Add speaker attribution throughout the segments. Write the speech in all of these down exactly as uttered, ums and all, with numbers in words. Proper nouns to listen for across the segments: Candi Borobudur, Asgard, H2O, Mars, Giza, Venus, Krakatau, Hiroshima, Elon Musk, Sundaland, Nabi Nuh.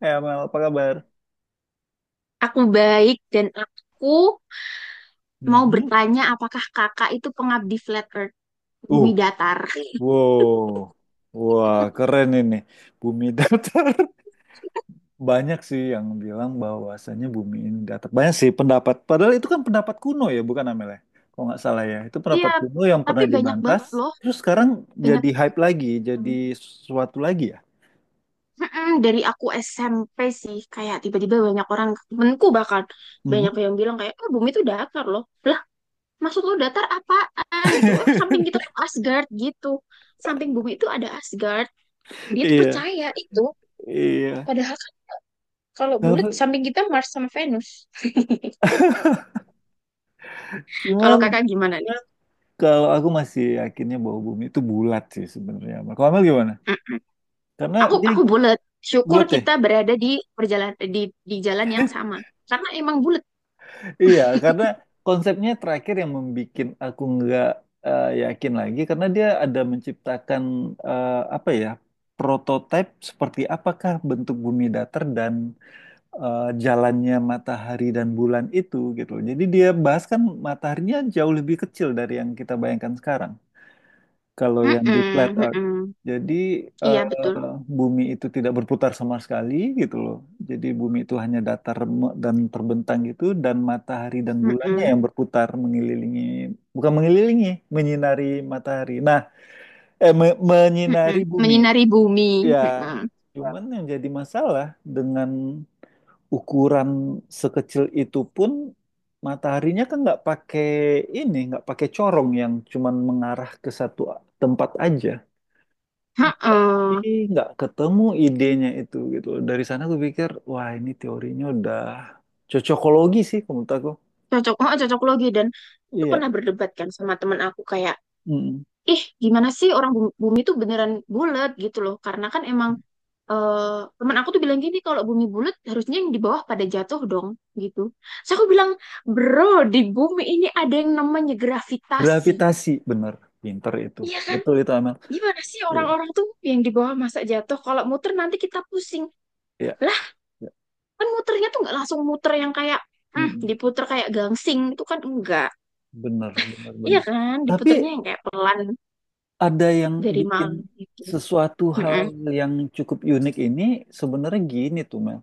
Speaker 1: Ya, Mel, apa kabar?
Speaker 2: Aku baik dan aku mau
Speaker 1: Mhm.
Speaker 2: bertanya apakah kakak itu pengabdi flat earth,
Speaker 1: Uh,
Speaker 2: bumi datar?
Speaker 1: wow, wah keren ini. Bumi datar. Banyak sih yang bilang bahwasannya bumi ini datar. Banyak sih pendapat. Padahal itu kan pendapat kuno ya, bukan Amel ya? Kalau nggak salah ya, itu
Speaker 2: Iya,
Speaker 1: pendapat kuno yang
Speaker 2: tapi
Speaker 1: pernah
Speaker 2: banyak
Speaker 1: dibantah.
Speaker 2: banget loh,
Speaker 1: Terus sekarang
Speaker 2: banyak
Speaker 1: jadi hype lagi, jadi
Speaker 2: banget.
Speaker 1: sesuatu lagi ya.
Speaker 2: Mm-mm, dari aku S M P sih, kayak tiba-tiba banyak orang, temenku bahkan, banyak
Speaker 1: Mhm.
Speaker 2: yang bilang kayak, oh bumi itu datar loh. Lah, maksud lo datar apaan gitu? Oh, samping kita tuh Asgard gitu. Samping bumi itu ada Asgard. Dia tuh
Speaker 1: Iya,
Speaker 2: percaya itu.
Speaker 1: iya.
Speaker 2: Padahal kan kalau bulat
Speaker 1: Tapi
Speaker 2: samping kita Mars sama Venus. Kalau
Speaker 1: cuman
Speaker 2: kakak gimana
Speaker 1: kalau aku masih yakinnya bahwa bumi itu bulat sih sebenarnya. Amel. Kalau Amel gimana?
Speaker 2: nih?
Speaker 1: Karena
Speaker 2: Aku
Speaker 1: dia
Speaker 2: aku bulat. Syukur
Speaker 1: bulat ya?
Speaker 2: kita berada di perjalan di di jalan yang sama. Karena emang bulat.
Speaker 1: Iya, karena konsepnya terakhir yang membuat aku nggak eh, yakin lagi karena dia ada menciptakan eh, apa ya prototipe seperti apakah bentuk bumi datar dan eh, jalannya matahari dan bulan itu gitu. Jadi dia bahas kan mataharinya jauh lebih kecil dari yang kita bayangkan sekarang. Kalau yang di flat
Speaker 2: Mm-mm,
Speaker 1: earth,
Speaker 2: mm-mm.
Speaker 1: jadi
Speaker 2: Iya
Speaker 1: eh,
Speaker 2: betul.
Speaker 1: bumi itu tidak berputar sama sekali gitu loh. Jadi bumi itu hanya datar remuk dan terbentang gitu, dan matahari dan bulannya
Speaker 2: Mm-mm,
Speaker 1: yang berputar mengelilingi, bukan mengelilingi, menyinari matahari. Nah, eh me-
Speaker 2: mm-mm.
Speaker 1: menyinari bumi.
Speaker 2: Menyinari bumi.
Speaker 1: Ya,
Speaker 2: Mm-mm.
Speaker 1: cuman yang jadi masalah dengan ukuran sekecil itu pun mataharinya kan nggak pakai ini, nggak pakai corong yang cuman mengarah ke satu tempat aja.
Speaker 2: mm
Speaker 1: Ih, nggak ketemu idenya itu gitu loh. Dari sana gue pikir, wah ini teorinya udah cocokologi sih kalau menurut aku.
Speaker 2: Cocok, oh, cocok logi dan aku tuh
Speaker 1: Iya,
Speaker 2: pernah berdebat kan sama teman aku kayak,
Speaker 1: mm.
Speaker 2: ih gimana sih orang bumi, bumi tuh beneran bulat gitu loh. Karena kan emang eh teman aku tuh bilang gini kalau bumi bulat harusnya yang di bawah pada jatuh dong gitu. Terus aku bilang, bro di bumi ini ada yang namanya gravitasi.
Speaker 1: Gravitasi, bener, pinter itu,
Speaker 2: Iya kan?
Speaker 1: betul itu Amel.
Speaker 2: Gimana sih
Speaker 1: Iya,
Speaker 2: orang-orang tuh yang di bawah masa jatuh? Kalau muter nanti kita pusing.
Speaker 1: iya,
Speaker 2: Lah,
Speaker 1: iya.
Speaker 2: kan muternya tuh nggak langsung muter yang kayak, hmm,
Speaker 1: Mm-mm.
Speaker 2: diputer kayak gangsing. Itu kan enggak.
Speaker 1: Bener, bener,
Speaker 2: Iya
Speaker 1: bener.
Speaker 2: kan?
Speaker 1: Tapi
Speaker 2: Diputernya yang kayak pelan
Speaker 1: ada yang
Speaker 2: dari
Speaker 1: bikin
Speaker 2: malam gitu.
Speaker 1: sesuatu
Speaker 2: Mm-mm.
Speaker 1: hal yang cukup unik ini sebenarnya gini tuh Mel,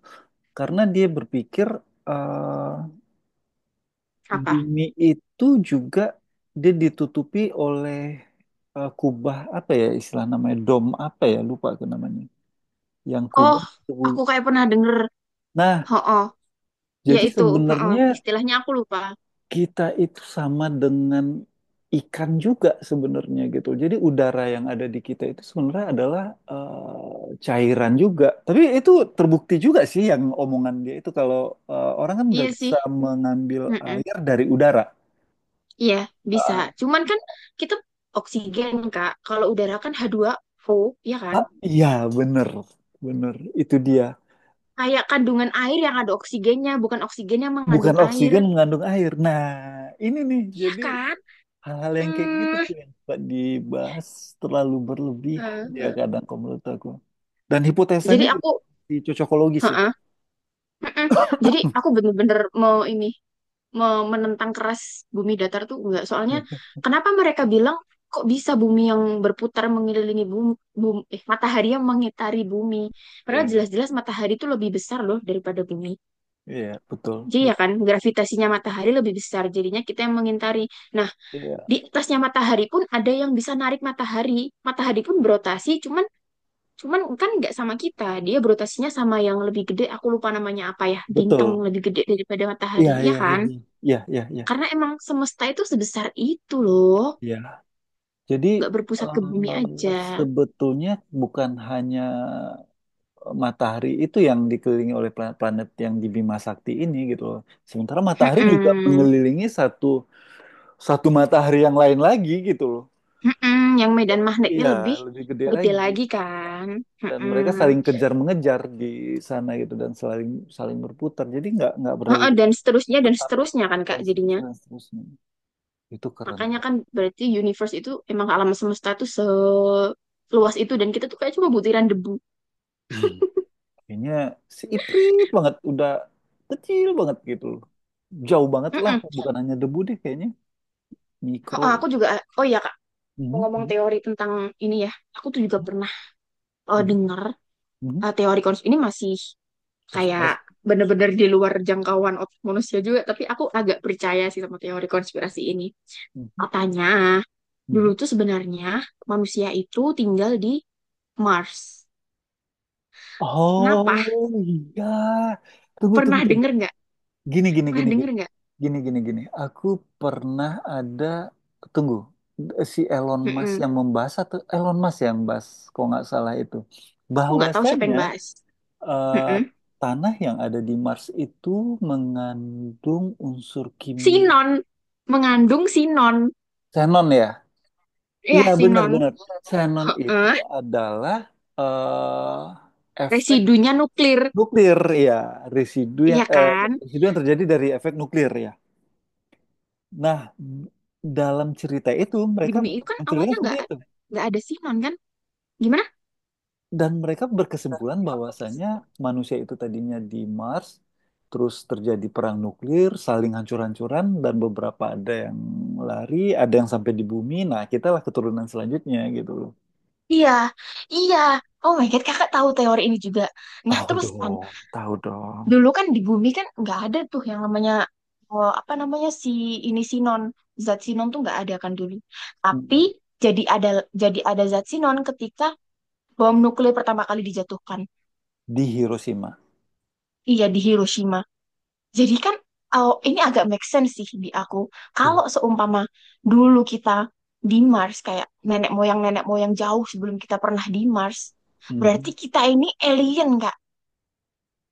Speaker 1: karena dia berpikir eh,
Speaker 2: Apa?
Speaker 1: Bumi itu juga dia ditutupi oleh eh, kubah apa ya istilah namanya dom apa ya lupa aku namanya. Yang
Speaker 2: Oh,
Speaker 1: kubah itu.
Speaker 2: aku kayak pernah denger.
Speaker 1: Nah,
Speaker 2: Ho-oh. Ya
Speaker 1: jadi
Speaker 2: itu. Ho-oh.
Speaker 1: sebenarnya
Speaker 2: Istilahnya aku lupa.
Speaker 1: kita itu sama dengan ikan juga sebenarnya gitu. Jadi udara yang ada di kita itu sebenarnya adalah eh, cairan juga. Tapi itu terbukti juga sih yang omongan dia itu kalau eh, orang kan udah
Speaker 2: Iya sih.
Speaker 1: bisa mengambil
Speaker 2: Mm-mm.
Speaker 1: air dari udara.
Speaker 2: Iya, bisa.
Speaker 1: Eh,
Speaker 2: Cuman kan kita oksigen, Kak. Kalau udara kan H two O, ya kan?
Speaker 1: Ah, iya, bener, bener. Itu dia.
Speaker 2: Kayak kandungan air yang ada oksigennya, bukan oksigen yang
Speaker 1: Bukan
Speaker 2: mengandung air.
Speaker 1: oksigen mengandung air. Nah, ini nih,
Speaker 2: Iya
Speaker 1: jadi
Speaker 2: kan?
Speaker 1: hal-hal yang kayak gitu
Speaker 2: Hmm.
Speaker 1: tuh yang suka dibahas terlalu berlebihan ya
Speaker 2: Heeh.
Speaker 1: kadang kalau menurut aku. Dan
Speaker 2: Jadi
Speaker 1: hipotesanya juga
Speaker 2: aku,
Speaker 1: di cocokologi sih.
Speaker 2: heeh, heeh. Jadi aku bener-bener mau ini, mau menentang keras bumi datar tuh enggak. Soalnya kenapa mereka bilang kok bisa bumi yang berputar mengelilingi bumi, bum- eh, matahari yang mengitari bumi? Padahal
Speaker 1: Iya,
Speaker 2: jelas-jelas matahari itu lebih besar loh daripada bumi.
Speaker 1: iya, betul,
Speaker 2: Jadi ya
Speaker 1: betul.
Speaker 2: kan gravitasinya matahari lebih besar, jadinya kita yang mengintari. Nah,
Speaker 1: Iya,
Speaker 2: di atasnya matahari pun ada yang bisa narik matahari. Matahari pun berotasi, cuman cuman kan nggak sama kita. Dia berotasinya sama yang lebih gede, aku lupa namanya apa ya, bintang
Speaker 1: betul.
Speaker 2: lebih gede daripada matahari,
Speaker 1: Iya,
Speaker 2: ya
Speaker 1: iya, iya,
Speaker 2: kan?
Speaker 1: iya, iya, iya. Iya.
Speaker 2: Karena emang semesta itu sebesar itu loh,
Speaker 1: Iya. Jadi
Speaker 2: nggak berpusat ke bumi
Speaker 1: eh,
Speaker 2: aja.
Speaker 1: sebetulnya bukan hanya matahari itu yang dikelilingi oleh planet-planet yang di Bima Sakti ini gitu loh. Sementara matahari juga
Speaker 2: Mm-mm.
Speaker 1: mengelilingi satu satu matahari yang lain lagi gitu loh.
Speaker 2: Mm-mm. Yang medan magnetnya
Speaker 1: Iya,
Speaker 2: lebih
Speaker 1: lebih gede
Speaker 2: gede
Speaker 1: lagi.
Speaker 2: lagi kan.
Speaker 1: Dan mereka
Speaker 2: Mm-mm.
Speaker 1: saling kejar mengejar di sana gitu dan saling saling berputar. Jadi nggak nggak berada
Speaker 2: Heeh,
Speaker 1: di
Speaker 2: dan
Speaker 1: tempat
Speaker 2: seterusnya dan
Speaker 1: tetap
Speaker 2: seterusnya kan Kak
Speaker 1: dan
Speaker 2: jadinya.
Speaker 1: seterusnya dan seterusnya. Itu keren
Speaker 2: Makanya kan
Speaker 1: banget.
Speaker 2: berarti universe itu emang alam semesta tuh seluas itu dan kita tuh kayak cuma butiran debu.
Speaker 1: Ih, kayaknya si Iprit banget udah kecil banget gitu loh. Jauh banget lah,
Speaker 2: Mm-mm.
Speaker 1: bukan hanya debu deh kayaknya.
Speaker 2: Oh,
Speaker 1: Mikro.
Speaker 2: oh, aku juga, oh iya Kak, mau
Speaker 1: Mhm,
Speaker 2: ngomong
Speaker 1: mhm.
Speaker 2: teori tentang ini ya, aku tuh juga pernah eh,
Speaker 1: Mhm,
Speaker 2: dengar
Speaker 1: mhm.
Speaker 2: eh, teori konspirasi ini masih kayak
Speaker 1: Konspirasi.
Speaker 2: bener-bener di luar jangkauan otak manusia juga, tapi aku agak percaya sih sama teori konspirasi ini.
Speaker 1: Mhm,
Speaker 2: Katanya, dulu
Speaker 1: mhm.
Speaker 2: tuh sebenarnya manusia itu tinggal di Mars. Kenapa?
Speaker 1: Oh iya, tunggu tunggu
Speaker 2: Pernah
Speaker 1: tunggu.
Speaker 2: denger nggak?
Speaker 1: Gini gini
Speaker 2: Pernah
Speaker 1: gini gini
Speaker 2: denger nggak?
Speaker 1: gini gini gini. Aku pernah ada tunggu si Elon Musk
Speaker 2: Mm-mm.
Speaker 1: yang membahas atau Elon Musk yang bahas, kalau nggak salah itu
Speaker 2: Aku nggak tahu siapa
Speaker 1: bahwasanya
Speaker 2: yang bahas.
Speaker 1: eh,
Speaker 2: Mm-mm.
Speaker 1: tanah yang ada di Mars itu mengandung unsur kimia
Speaker 2: sinon Mengandung sinon,
Speaker 1: xenon ya.
Speaker 2: ya,
Speaker 1: Iya benar
Speaker 2: sinon.
Speaker 1: benar. Xenon itu
Speaker 2: Heeh,
Speaker 1: adalah eh, efek
Speaker 2: residunya nuklir,
Speaker 1: nuklir, ya. Residu yang
Speaker 2: ya
Speaker 1: eh,
Speaker 2: kan,
Speaker 1: residu yang terjadi dari efek nuklir, ya. Nah, d- dalam cerita itu
Speaker 2: di
Speaker 1: mereka
Speaker 2: bumi itu kan
Speaker 1: menceritakan
Speaker 2: awalnya
Speaker 1: seperti
Speaker 2: nggak
Speaker 1: itu
Speaker 2: nggak ada sinon kan, gimana?
Speaker 1: dan mereka berkesimpulan bahwasanya manusia itu tadinya di Mars, terus terjadi perang nuklir, saling hancur-hancuran dan beberapa ada yang lari, ada yang sampai di bumi. Nah, kitalah keturunan selanjutnya gitu loh.
Speaker 2: Iya, iya. Oh my God, kakak tahu teori ini juga. Nah,
Speaker 1: Tahu
Speaker 2: terus kan,
Speaker 1: dong, tahu dong.
Speaker 2: dulu kan di bumi kan nggak ada tuh yang namanya, oh, apa namanya, si ini sinon. Zat sinon tuh nggak ada kan dulu. Tapi
Speaker 1: Mm.
Speaker 2: jadi ada jadi ada zat sinon ketika bom nuklir pertama kali dijatuhkan.
Speaker 1: Di Hiroshima.
Speaker 2: Iya, di Hiroshima. Jadi kan oh, ini agak make sense sih di aku.
Speaker 1: Iya.
Speaker 2: Kalau seumpama dulu kita di Mars kayak nenek moyang nenek moyang jauh sebelum kita pernah di Mars, berarti
Speaker 1: Mhm.
Speaker 2: kita ini alien Kak.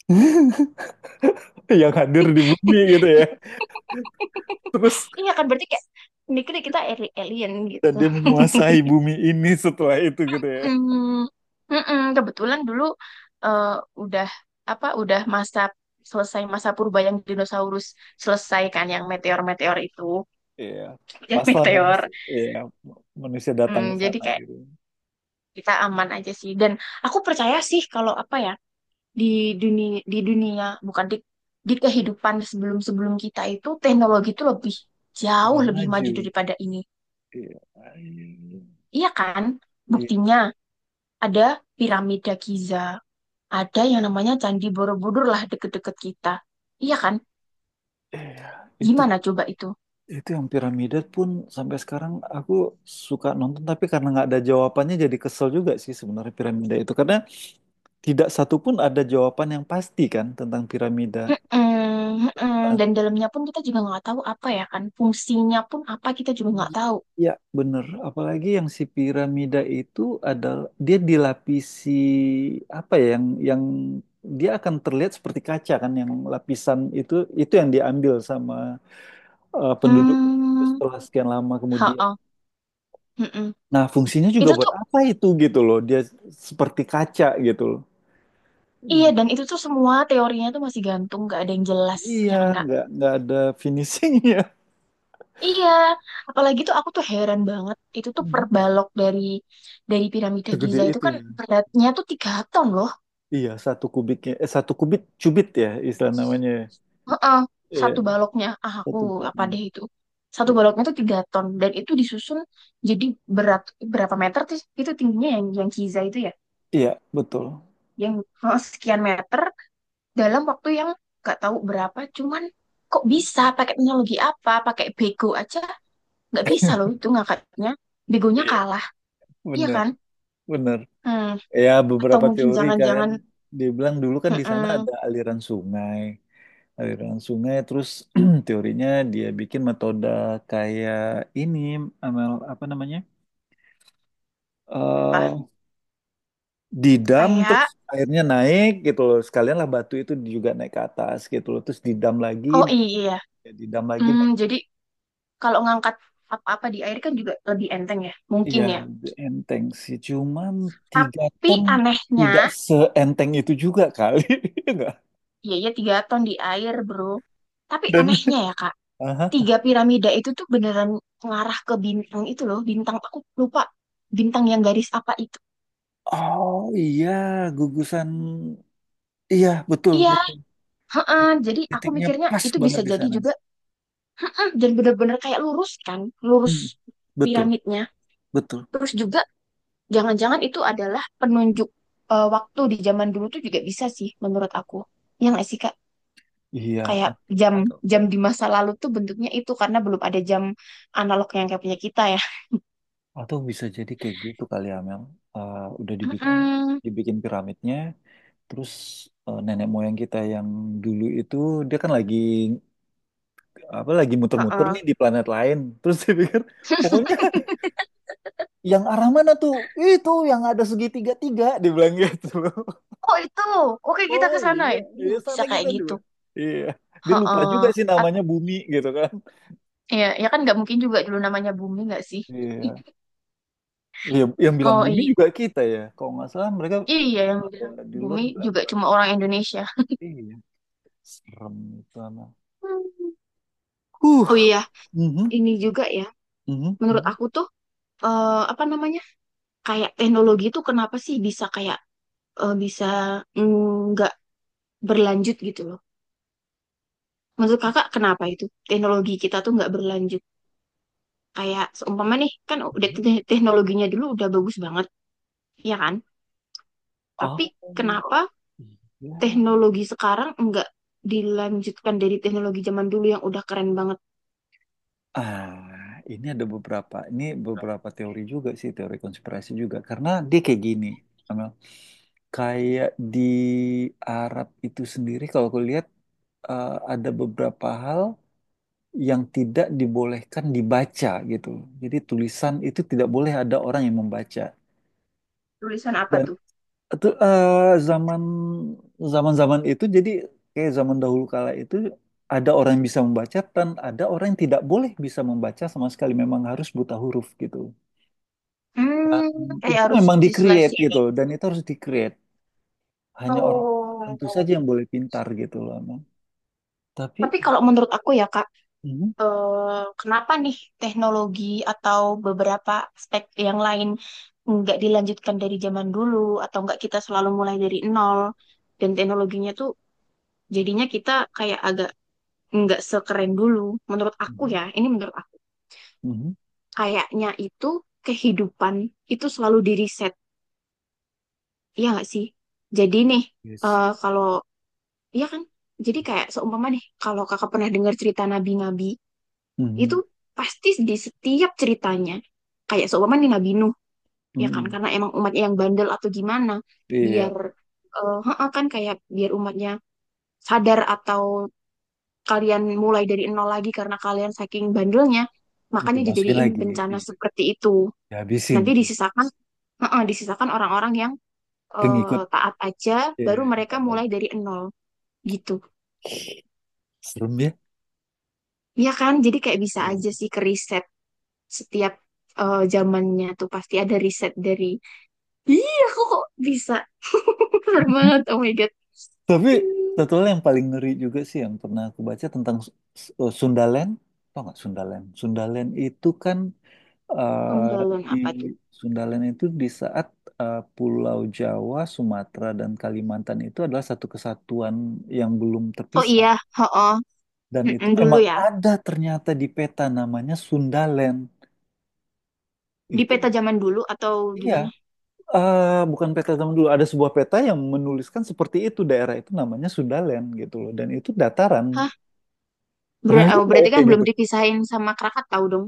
Speaker 1: Yang hadir di bumi gitu ya. Terus
Speaker 2: Iya kan, berarti kayak mikirnya kita ali- alien gitu.
Speaker 1: dan dia menguasai bumi ini setelah itu gitu ya.
Speaker 2: Hmm, mm-mm, kebetulan dulu eh, udah apa udah masa selesai masa purba yang dinosaurus selesai kan yang meteor-meteor itu,
Speaker 1: Iya.
Speaker 2: yang
Speaker 1: Paslah
Speaker 2: meteor.
Speaker 1: manusia, iya, manusia datang
Speaker 2: Hmm,
Speaker 1: ke
Speaker 2: jadi
Speaker 1: sana
Speaker 2: kayak
Speaker 1: gitu.
Speaker 2: kita aman aja sih, dan aku percaya sih kalau apa ya, di dunia di dunia bukan di di kehidupan sebelum sebelum kita itu teknologi itu lebih jauh
Speaker 1: Udah
Speaker 2: lebih maju
Speaker 1: maju.
Speaker 2: daripada ini,
Speaker 1: Iya. Iya.
Speaker 2: iya kan,
Speaker 1: Iya.
Speaker 2: buktinya ada piramida Giza, ada yang namanya Candi Borobudur, lah deket-deket kita, iya kan,
Speaker 1: Iya. Itu
Speaker 2: gimana coba itu?
Speaker 1: itu yang piramida pun sampai sekarang aku suka nonton tapi karena nggak ada jawabannya jadi kesel juga sih sebenarnya piramida itu karena tidak satu pun ada jawaban yang pasti kan tentang piramida.
Speaker 2: Mm-mm, mm-mm. Dan dalamnya pun kita juga nggak tahu, apa ya kan, fungsinya pun apa kita juga nggak tahu.
Speaker 1: Iya, bener. Apalagi yang si piramida itu adalah dia dilapisi apa ya yang yang dia akan terlihat seperti kaca kan yang lapisan itu itu yang diambil sama eh, penduduk itu
Speaker 2: Hmm,
Speaker 1: setelah sekian lama kemudian.
Speaker 2: ha-ah, mm-mm.
Speaker 1: Nah, fungsinya juga
Speaker 2: Itu
Speaker 1: buat
Speaker 2: tuh.
Speaker 1: apa itu gitu loh. Dia seperti kaca gitu loh.
Speaker 2: Iya, dan itu tuh semua teorinya tuh masih gantung, gak ada yang jelas,
Speaker 1: Iya,
Speaker 2: ya kan Kak?
Speaker 1: nggak nggak ada finishingnya.
Speaker 2: Iya, apalagi tuh aku tuh heran banget, itu tuh per
Speaker 1: Mhm.
Speaker 2: balok dari dari piramida
Speaker 1: Segede
Speaker 2: Giza itu
Speaker 1: itu
Speaker 2: kan
Speaker 1: ya.
Speaker 2: beratnya tuh tiga ton loh.
Speaker 1: Iya, satu kubiknya eh satu kubit cubit ya istilah namanya. Ya.
Speaker 2: Heeh,
Speaker 1: Iya,
Speaker 2: satu baloknya, ah aku
Speaker 1: satu
Speaker 2: apa
Speaker 1: batang.
Speaker 2: deh itu, satu baloknya tuh tiga ton, dan itu disusun jadi berat, berapa meter sih itu tingginya yang yang Giza itu ya,
Speaker 1: Iya, betul.
Speaker 2: yang heeh, sekian meter dalam waktu yang gak tahu berapa, cuman kok bisa pakai teknologi apa, pakai bego aja nggak bisa loh itu ngangkatnya, begonya
Speaker 1: Iya,
Speaker 2: kalah, iya
Speaker 1: benar,
Speaker 2: kan?
Speaker 1: benar.
Speaker 2: Hmm.
Speaker 1: Ya,
Speaker 2: Atau
Speaker 1: beberapa
Speaker 2: mungkin
Speaker 1: teori kan
Speaker 2: jangan-jangan,
Speaker 1: dibilang dulu kan di sana
Speaker 2: mm-mm,
Speaker 1: ada aliran sungai, aliran sungai terus teorinya dia bikin metode kayak ini amal apa namanya?
Speaker 2: apa,
Speaker 1: eh didam terus
Speaker 2: kayak,
Speaker 1: airnya naik gitu loh. Sekalian lah batu itu juga naik ke atas gitu loh. Terus didam lagi,
Speaker 2: oh
Speaker 1: naik,
Speaker 2: i- iya.
Speaker 1: didam lagi
Speaker 2: Hmm,
Speaker 1: naik.
Speaker 2: jadi kalau ngangkat apa-apa di air kan juga lebih enteng ya mungkin
Speaker 1: Iya,
Speaker 2: ya.
Speaker 1: enteng sih. Cuman tiga
Speaker 2: Tapi
Speaker 1: ton
Speaker 2: anehnya,
Speaker 1: tidak seenteng itu juga kali. Enggak.
Speaker 2: iya iya tiga ton di air, bro. Tapi
Speaker 1: Dan
Speaker 2: anehnya ya Kak,
Speaker 1: aha.
Speaker 2: tiga piramida itu tuh beneran ngarah ke bintang itu loh, bintang aku lupa, bintang yang garis apa itu.
Speaker 1: Oh iya, gugusan. Iya, betul,
Speaker 2: Iya,
Speaker 1: betul.
Speaker 2: heeh,
Speaker 1: Tit-
Speaker 2: jadi aku
Speaker 1: Titiknya
Speaker 2: mikirnya
Speaker 1: pas
Speaker 2: itu
Speaker 1: banget
Speaker 2: bisa
Speaker 1: di
Speaker 2: jadi
Speaker 1: sana.
Speaker 2: juga, dan benar-benar kayak lurus kan, lurus
Speaker 1: Hmm, betul,
Speaker 2: piramidnya.
Speaker 1: betul.
Speaker 2: Terus juga jangan-jangan itu adalah penunjuk eh, waktu di zaman dulu tuh juga bisa sih menurut aku. Yang nggak sih Kak?
Speaker 1: Iya,
Speaker 2: Kayak jam,
Speaker 1: atau
Speaker 2: jam di masa lalu tuh bentuknya itu karena belum ada jam analog yang kayak punya kita ya.
Speaker 1: atau bisa jadi kayak gitu kali ya, Mel. Eh, udah dibikin
Speaker 2: Mm-mm.
Speaker 1: dibikin piramidnya, terus eh, nenek moyang kita yang dulu itu dia kan lagi apa lagi muter-muter
Speaker 2: Heeh.
Speaker 1: nih di planet lain. Terus dia pikir, pokoknya yang arah mana tuh? Itu yang ada segitiga tiga, dibilang gitu.
Speaker 2: Oh itu, oke kita
Speaker 1: Oh
Speaker 2: ke sana
Speaker 1: iya,
Speaker 2: ya. Dulu
Speaker 1: iya
Speaker 2: bisa
Speaker 1: sana
Speaker 2: kayak
Speaker 1: kita dulu.
Speaker 2: gitu.
Speaker 1: Iya, dia lupa juga
Speaker 2: Heeh.
Speaker 1: sih
Speaker 2: At-
Speaker 1: namanya Bumi gitu kan.
Speaker 2: Ya, ya kan nggak mungkin juga dulu namanya bumi, nggak sih?
Speaker 1: Iya, iya yang bilang
Speaker 2: Oh
Speaker 1: Bumi
Speaker 2: iya,
Speaker 1: juga kita ya. Kalau nggak salah mereka
Speaker 2: iya yang
Speaker 1: ya,
Speaker 2: bilang
Speaker 1: di luar
Speaker 2: bumi
Speaker 1: bilang
Speaker 2: juga
Speaker 1: Earth.
Speaker 2: cuma orang Indonesia.
Speaker 1: Iya, serem itu anak.
Speaker 2: Hmm. Oh
Speaker 1: Huh,
Speaker 2: iya,
Speaker 1: mhm,
Speaker 2: ini juga ya,
Speaker 1: mhm,
Speaker 2: menurut
Speaker 1: mhm,
Speaker 2: aku tuh eh, apa namanya, kayak teknologi tuh kenapa sih bisa kayak eh, bisa, mm, nggak berlanjut gitu loh. Menurut kakak kenapa itu teknologi kita tuh nggak berlanjut? Kayak seumpama nih kan udah
Speaker 1: mhm.
Speaker 2: te- teknologinya dulu udah bagus banget, ya kan? Tapi
Speaker 1: Oh
Speaker 2: kenapa
Speaker 1: iya.
Speaker 2: teknologi sekarang nggak dilanjutkan dari teknologi zaman dulu yang udah keren banget?
Speaker 1: Ah, ini ada beberapa. Ini beberapa teori juga sih, teori konspirasi juga. Karena dia kayak gini, Amel. Kayak di Arab itu sendiri, kalau aku lihat eh, ada beberapa hal yang tidak dibolehkan dibaca gitu. Jadi tulisan itu tidak boleh ada orang yang membaca.
Speaker 2: Tulisan apa tuh?
Speaker 1: Itu eh, zaman zaman-zaman itu jadi kayak zaman dahulu kala itu ada orang yang bisa membaca dan ada orang yang tidak boleh bisa membaca sama sekali memang harus buta huruf gitu. Dan
Speaker 2: Hmm, kayak
Speaker 1: itu
Speaker 2: harus
Speaker 1: memang di-create gitu
Speaker 2: diselesaikan.
Speaker 1: dan itu harus di-create. Hanya orang
Speaker 2: Oh.
Speaker 1: tertentu saja yang boleh pintar gitu loh emang. Tapi
Speaker 2: Tapi kalau menurut aku ya Kak,
Speaker 1: mhm,
Speaker 2: eh, kenapa nih teknologi atau beberapa aspek yang lain nggak dilanjutkan dari zaman dulu, atau nggak kita selalu mulai dari nol, dan teknologinya tuh jadinya kita kayak agak nggak sekeren dulu. Menurut aku
Speaker 1: mhm,
Speaker 2: ya, ini menurut aku.
Speaker 1: mhm,
Speaker 2: Kayaknya itu kehidupan itu selalu diriset, iya nggak sih? Jadi nih,
Speaker 1: iya sih.
Speaker 2: eh, kalau iya kan, jadi kayak seumpama nih, kalau kakak pernah dengar cerita nabi-nabi, itu
Speaker 1: Mhm,
Speaker 2: pasti di setiap ceritanya kayak seumpama nih Nabi Nuh, ya kan,
Speaker 1: mhm.
Speaker 2: karena emang umatnya yang bandel atau gimana,
Speaker 1: Iya,
Speaker 2: biar eh, heeh, kan kayak biar umatnya sadar, atau kalian mulai dari nol lagi karena kalian saking bandelnya, makanya
Speaker 1: dimasukin
Speaker 2: dijadiin
Speaker 1: lagi,
Speaker 2: bencana
Speaker 1: iya.
Speaker 2: seperti itu,
Speaker 1: Dihabisin
Speaker 2: nanti
Speaker 1: tuh
Speaker 2: disisakan, heeh, disisakan orang-orang yang
Speaker 1: pengikut
Speaker 2: eh, taat aja,
Speaker 1: iya,
Speaker 2: baru
Speaker 1: yang
Speaker 2: mereka
Speaker 1: tak
Speaker 2: mulai
Speaker 1: tadi.
Speaker 2: dari nol gitu,
Speaker 1: Serem ya.
Speaker 2: ya kan, jadi kayak bisa
Speaker 1: Iya.
Speaker 2: aja sih ke riset setiap eh, zamannya tuh pasti ada riset dari. Iya, aku kok bisa. Keren banget, oh my God.
Speaker 1: Tapi
Speaker 2: Hmm,
Speaker 1: satu hal yang paling ngeri juga sih yang pernah aku baca tentang S- S- eh, Sundaland. Tau nggak Sundaland? Sundaland itu kan eh,
Speaker 2: penggalan
Speaker 1: di
Speaker 2: apa tuh?
Speaker 1: Sundaland itu di saat eh, Pulau Jawa, Sumatera, dan Kalimantan itu adalah satu kesatuan yang belum
Speaker 2: Oh
Speaker 1: terpisah.
Speaker 2: iya, oh,
Speaker 1: Dan itu
Speaker 2: dulu
Speaker 1: memang
Speaker 2: ya.
Speaker 1: ada ternyata di peta namanya Sundaland.
Speaker 2: Di
Speaker 1: Itu
Speaker 2: peta zaman dulu atau
Speaker 1: iya.
Speaker 2: gimana?
Speaker 1: Eh, bukan peta zaman dulu, ada sebuah peta yang menuliskan seperti itu daerah itu namanya Sundaland gitu loh, dan itu dataran.
Speaker 2: Hah?
Speaker 1: Pernah
Speaker 2: Ber-
Speaker 1: lihat
Speaker 2: oh,
Speaker 1: nggak ya
Speaker 2: berarti kan
Speaker 1: kayak
Speaker 2: belum
Speaker 1: gitu?
Speaker 2: dipisahin sama Krakatau dong.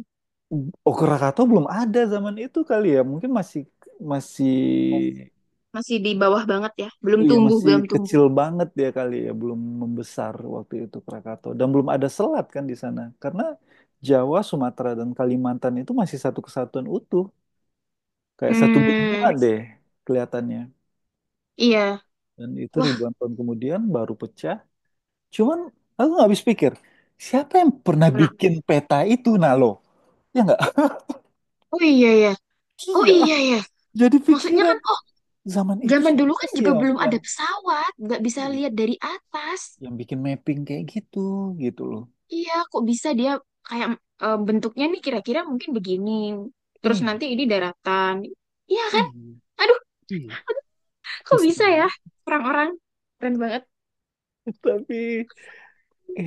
Speaker 1: Okurakato belum ada zaman itu kali ya. Mungkin masih masih
Speaker 2: Masih di bawah banget ya. Belum
Speaker 1: ya
Speaker 2: tumbuh,
Speaker 1: masih
Speaker 2: belum tumbuh.
Speaker 1: kecil banget ya kali ya, belum membesar waktu itu Krakatau dan belum ada selat kan di sana. Karena Jawa, Sumatera dan Kalimantan itu masih satu kesatuan utuh, kayak satu benua
Speaker 2: Hmm,
Speaker 1: deh kelihatannya.
Speaker 2: iya.
Speaker 1: Dan itu
Speaker 2: Wah,
Speaker 1: ribuan tahun kemudian baru pecah. Cuman aku nggak habis pikir, siapa yang pernah
Speaker 2: kenapa?
Speaker 1: bikin peta itu, Nalo? Ya nggak?
Speaker 2: Oh iya ya. Oh
Speaker 1: Iya,
Speaker 2: iya ya.
Speaker 1: jadi
Speaker 2: Maksudnya
Speaker 1: pikiran
Speaker 2: kan, oh
Speaker 1: zaman itu
Speaker 2: zaman dulu
Speaker 1: siapa
Speaker 2: kan
Speaker 1: sih
Speaker 2: juga
Speaker 1: yang
Speaker 2: belum
Speaker 1: yang
Speaker 2: ada pesawat. Nggak bisa
Speaker 1: ih,
Speaker 2: lihat dari atas.
Speaker 1: yang bikin mapping kayak gitu gitu loh.
Speaker 2: Iya, kok bisa dia kayak eh, bentuknya nih kira-kira mungkin begini. Terus
Speaker 1: Ih,
Speaker 2: nanti ini daratan. Iya kan?
Speaker 1: ih,
Speaker 2: Aduh,
Speaker 1: ih.
Speaker 2: kok
Speaker 1: Kesel
Speaker 2: bisa ya?
Speaker 1: banget.
Speaker 2: Orang-orang keren banget.
Speaker 1: Tapi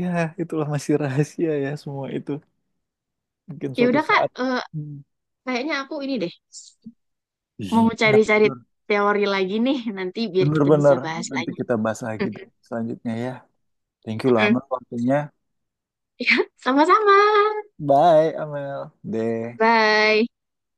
Speaker 1: ya itulah masih rahasia ya semua itu. Mungkin
Speaker 2: Ya
Speaker 1: suatu
Speaker 2: udah Kak,
Speaker 1: saat.
Speaker 2: eh,
Speaker 1: Hmm.
Speaker 2: kayaknya aku ini deh mau
Speaker 1: Iya,
Speaker 2: cari-cari
Speaker 1: bener.
Speaker 2: teori lagi nih nanti biar kita bisa
Speaker 1: Bener-bener.
Speaker 2: bahas
Speaker 1: Nanti
Speaker 2: lagi.
Speaker 1: kita bahas lagi deh selanjutnya ya. Thank you lama waktunya.
Speaker 2: Ya, sama-sama.
Speaker 1: Bye, Amel. Deh.
Speaker 2: Bye.